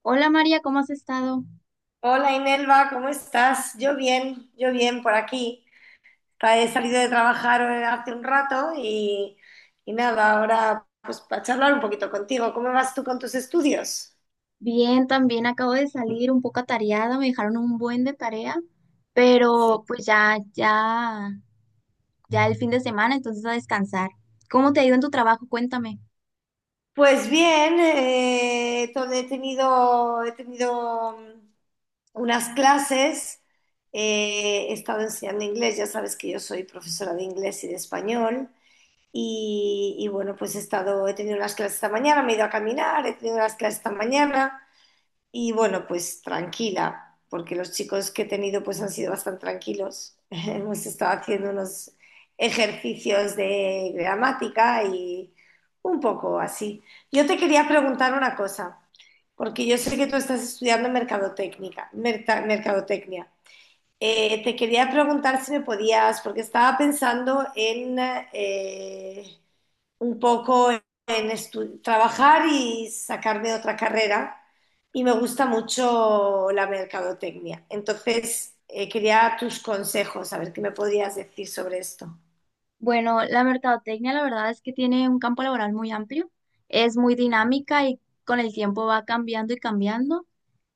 Hola María, ¿cómo has estado? Hola Inelva, ¿cómo estás? Yo bien por aquí. He salido de trabajar hace un rato y nada, ahora pues para charlar un poquito contigo. ¿Cómo vas tú con tus estudios? Bien, también acabo de salir un poco atareada, me dejaron un buen de tarea, Sí. pero pues ya el fin de semana, entonces a descansar. ¿Cómo te ha ido en tu trabajo? Cuéntame. Pues bien, he tenido, he tenido unas clases, he estado enseñando inglés, ya sabes que yo soy profesora de inglés y de español, y bueno, pues he estado, he tenido unas clases esta mañana, me he ido a caminar, he tenido unas clases esta mañana. Y bueno, pues tranquila, porque los chicos que he tenido pues han sido bastante tranquilos. Hemos estado haciendo unos ejercicios de gramática y un poco así. Yo te quería preguntar una cosa, porque yo sé que tú estás estudiando mercadotecnia, mercadotecnia. Te quería preguntar si me podías, porque estaba pensando en eh, un poco en trabajar y sacarme otra carrera. Y me gusta mucho la mercadotecnia. Entonces, quería tus consejos, a ver qué me podrías decir sobre esto. Bueno, la mercadotecnia la verdad es que tiene un campo laboral muy amplio, es muy dinámica y con el tiempo va cambiando y cambiando.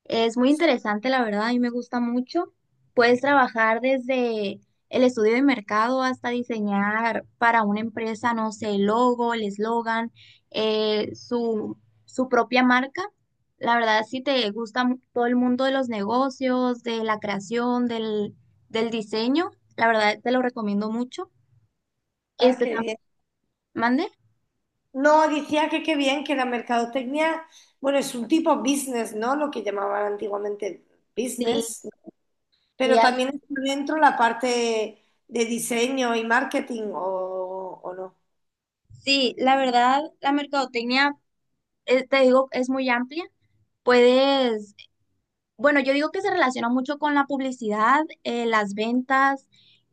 Es muy interesante, la verdad, a mí me gusta mucho. Puedes trabajar desde el estudio de mercado hasta diseñar para una empresa, no sé, el logo, el eslogan, eh, su, su propia marca. La verdad, si te gusta todo el mundo de los negocios, de la creación, del diseño, la verdad te lo recomiendo mucho. Ah, Este qué también, bien. mande. No, decía que qué bien que la mercadotecnia, bueno, es un tipo business, ¿no? Lo que llamaban antiguamente Sí, business, sí, pero así. también está dentro la parte de diseño y marketing, ¿o no? Sí, la verdad, la mercadotecnia, te digo, es muy amplia. Puedes. Bueno, yo digo que se relaciona mucho con la publicidad, las ventas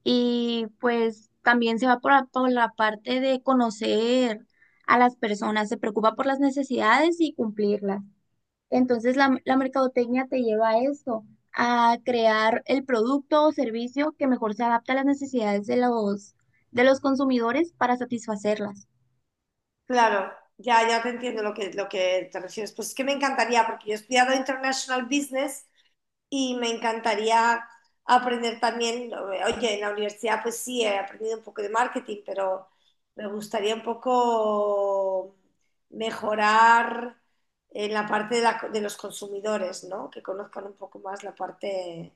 y pues también se va por, por la parte de conocer a las personas, se preocupa por las necesidades y cumplirlas. Entonces la mercadotecnia te lleva a eso, a crear el producto o servicio que mejor se adapte a las necesidades de de los consumidores para satisfacerlas. Claro, ya, ya te entiendo lo que te refieres. Pues es que me encantaría, porque yo he estudiado International Business y me encantaría aprender también, oye, en la universidad pues sí, he aprendido un poco de marketing, pero me gustaría un poco mejorar en la parte de, de los consumidores, ¿no? Que conozcan un poco más la parte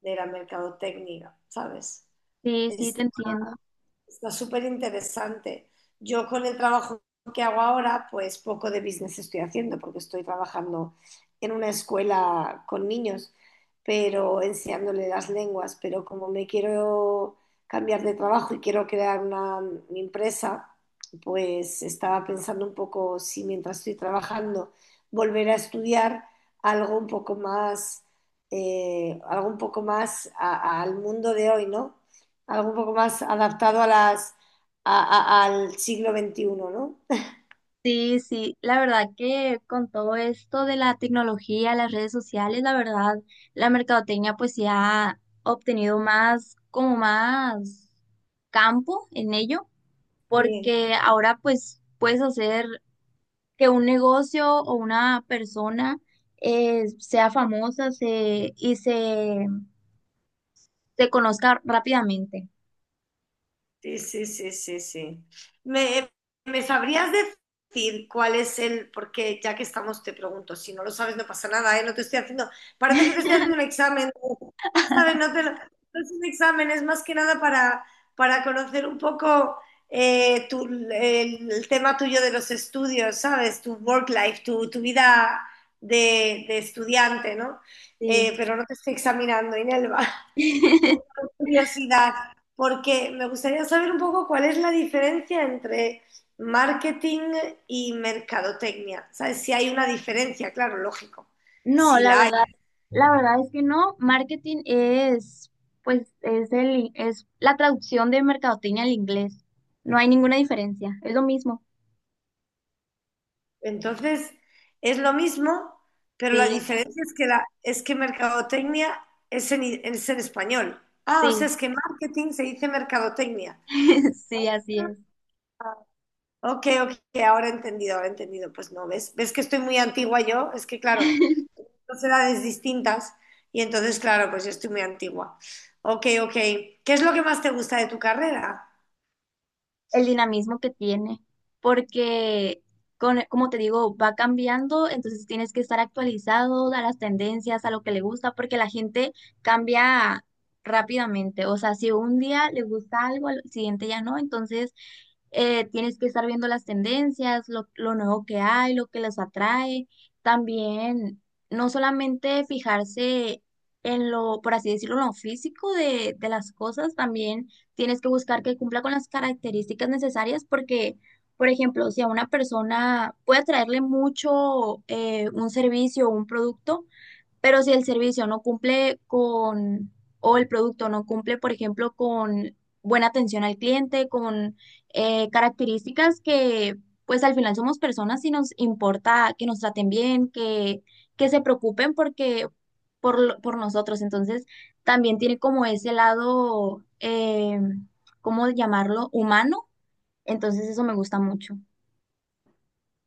de la mercadotecnia, ¿sabes? Sí, sí, te Este, entiendo. Está súper interesante. Yo con el trabajo que hago ahora, pues poco de business estoy haciendo porque estoy trabajando en una escuela con niños, pero enseñándole las lenguas, pero como me quiero cambiar de trabajo y quiero crear una mi empresa, pues estaba pensando un poco si mientras estoy trabajando volver a estudiar algo un poco más, algo un poco más al mundo de hoy, ¿no? Algo un poco más adaptado a las, al siglo veintiuno, ¿no? Sí, sí, la verdad que con todo esto de la tecnología, las redes sociales, la verdad, la mercadotecnia pues ya ha obtenido más, como más campo en ello, Sí. porque ahora pues puedes hacer que un negocio o una persona sea famosa y se conozca rápidamente. Sí, sí, sí, sí, sí. ¿Me, ¿Me sabrías decir cuál es el, porque ya que estamos, te pregunto, si no lo sabes no pasa nada, ¿eh? No te estoy haciendo, parece que te estoy haciendo un examen, ¿sabes? No es un examen, es más que nada para, para conocer un poco el tema tuyo de los estudios, ¿sabes? Tu work life, tu vida de estudiante, ¿no? Sí. Pero no te estoy examinando, Inelva. Es por curiosidad, porque me gustaría saber un poco cuál es la diferencia entre marketing y mercadotecnia. ¿Sabes? Si hay una diferencia, claro, lógico, No, si la hay. La verdad es que no. Marketing es, pues, es es la traducción de mercadotecnia al inglés. No hay ninguna diferencia. Es lo mismo. Entonces, es lo mismo, pero la Sí, diferencia es que, la, es que mercadotecnia es en español. Ah, o sea, sí, es que marketing se dice mercadotecnia. sí, así es. Ok, ok, ahora he entendido, ahora he entendido. Pues no, ¿ves? ¿Ves que estoy muy antigua yo? Es que claro, dos edades distintas y entonces, claro, pues yo estoy muy antigua. Ok, ok. ¿Qué es lo que más te gusta de tu carrera? El dinamismo que tiene, porque, como te digo, va cambiando, entonces tienes que estar actualizado a las tendencias, a lo que le gusta, porque la gente cambia rápidamente, o sea, si un día le gusta algo, al siguiente ya no, entonces tienes que estar viendo las tendencias, lo nuevo que hay, lo que les atrae. También, no solamente fijarse en lo, por así decirlo, en lo físico de las cosas, también tienes que buscar que cumpla con las características necesarias porque, por ejemplo, si a una persona puede atraerle mucho un servicio o un producto, pero si el servicio no cumple con, o el producto no cumple, por ejemplo, con buena atención al cliente, con características que, pues al final somos personas y nos importa que nos traten bien, que se preocupen porque, por, por nosotros. Entonces, también tiene como ese lado, ¿cómo llamarlo? Humano. Entonces, eso me gusta mucho.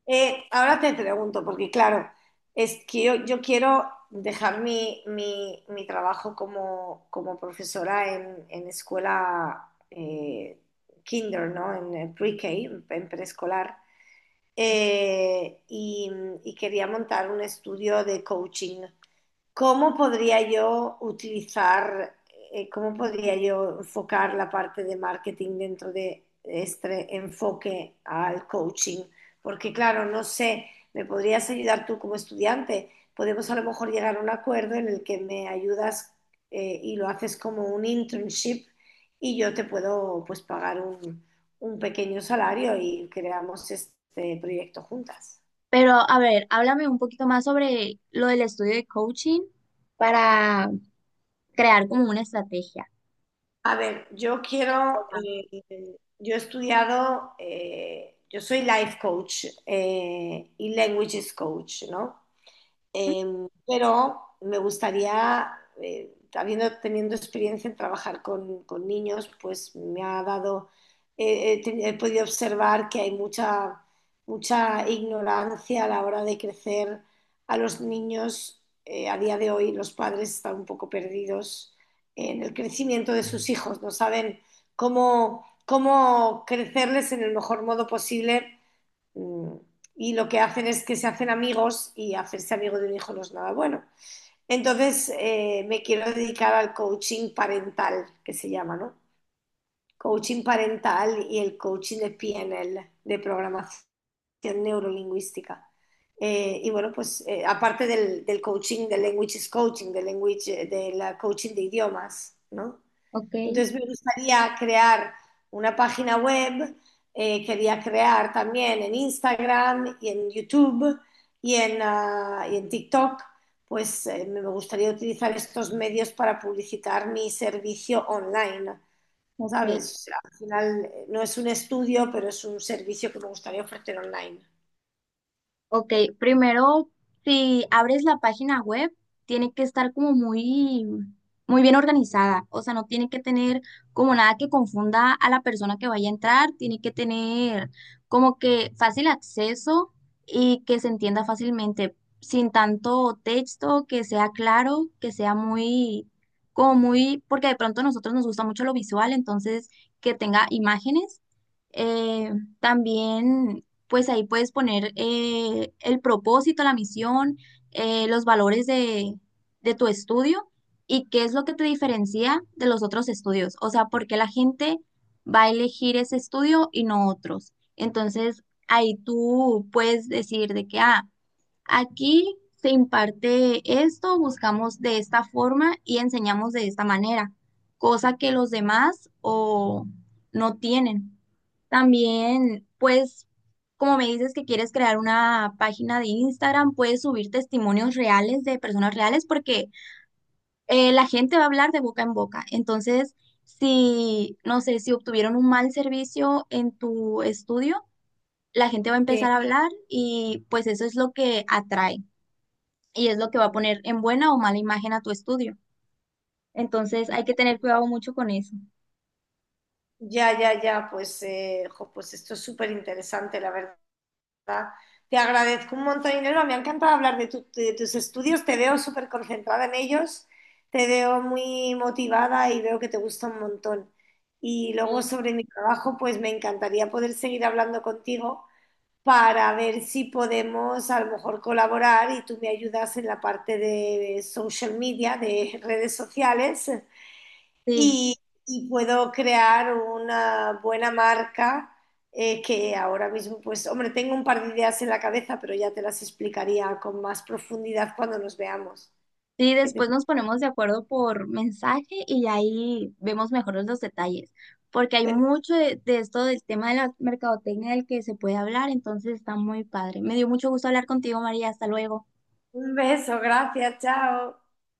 Ahora te pregunto, porque claro, es que yo quiero dejar mi, mi trabajo como, como profesora en escuela kinder, ¿no? En pre-K, en preescolar. Eh, y, y quería montar un estudio de coaching. ¿Cómo podría yo utilizar, cómo podría yo enfocar la parte de marketing dentro de este enfoque al coaching? Porque claro, no sé, me podrías ayudar tú como estudiante. Podemos a lo mejor llegar a un acuerdo en el que me ayudas, y lo haces como un internship y yo te puedo pues pagar un pequeño salario y creamos este proyecto juntas. Pero, a ver, háblame un poquito más sobre lo del estudio de coaching para crear como una estrategia. A ver, yo quiero, yo he estudiado, yo soy life coach, y languages coach, ¿no? Pero me gustaría, habiendo teniendo experiencia en trabajar con niños, pues me ha dado, he podido observar que hay mucha, mucha ignorancia a la hora de crecer a los niños. A día de hoy los padres están un poco perdidos en el crecimiento de sus hijos, no saben cómo, cómo crecerles en el mejor modo posible. Mm, Y lo que hacen es que se hacen amigos, y hacerse amigo de un hijo no es nada bueno. Entonces, me quiero dedicar al coaching parental, que se llama, ¿no? Coaching parental y el coaching de PNL, de programación neurolingüística. Y bueno, pues aparte del, del coaching, del language, del coaching de idiomas, ¿no? Ok, Entonces me gustaría crear una página web, quería crear también en Instagram y en YouTube y en, ah, y en TikTok, pues me gustaría utilizar estos medios para publicitar mi servicio online, ok. ¿sabes? O sea, al final no es un estudio, pero es un servicio que me gustaría ofrecer online. Ok, primero, si abres la página web, tiene que estar como muy, muy bien organizada. O sea, no tiene que tener como nada que confunda a la persona que vaya a entrar. Tiene que tener como que fácil acceso y que se entienda fácilmente, sin tanto texto, que sea claro, que sea muy, como muy, porque de pronto a nosotros nos gusta mucho lo visual, entonces que tenga imágenes. Eh, también pues ahí puedes poner el propósito, la misión, los valores de tu estudio y qué es lo que te diferencia de los otros estudios. O sea, por qué la gente va a elegir ese estudio y no otros. Entonces, ahí tú puedes decir de que, ah, aquí se imparte esto, buscamos de esta forma y enseñamos de esta manera, cosa que los demás o no tienen. También, pues, como me dices que quieres crear una página de Instagram, puedes subir testimonios reales de personas reales porque la gente va a hablar de boca en boca. Entonces, si, no sé, si obtuvieron un mal servicio en tu estudio, la gente va a Sí. empezar a hablar y pues eso es lo que atrae y es lo que va a poner en buena o mala imagen a tu estudio. Entonces hay que tener cuidado mucho con eso. Ya, ya, ya, pues, jo, pues esto es súper interesante, la verdad. Te agradezco un montón, Inelva. Me ha encantado hablar de, de tus estudios. Te veo súper concentrada en ellos, te veo muy motivada y veo que te gusta un montón. Y luego Sí. sobre mi trabajo, pues me encantaría poder seguir hablando contigo para ver si podemos a lo mejor colaborar y tú me ayudas en la parte de social media, de redes sociales, Sí, y, y puedo crear una buena marca que ahora mismo, pues, hombre, tengo un par de ideas en la cabeza, pero ya te las explicaría con más profundidad cuando nos veamos. sí, Que te- después nos ponemos de acuerdo por mensaje y ahí vemos mejor los detalles, porque hay mucho de esto del tema de la mercadotecnia del que se puede hablar, entonces está muy padre. Me dio mucho gusto hablar contigo, María, hasta luego. Un beso, gracias, chao.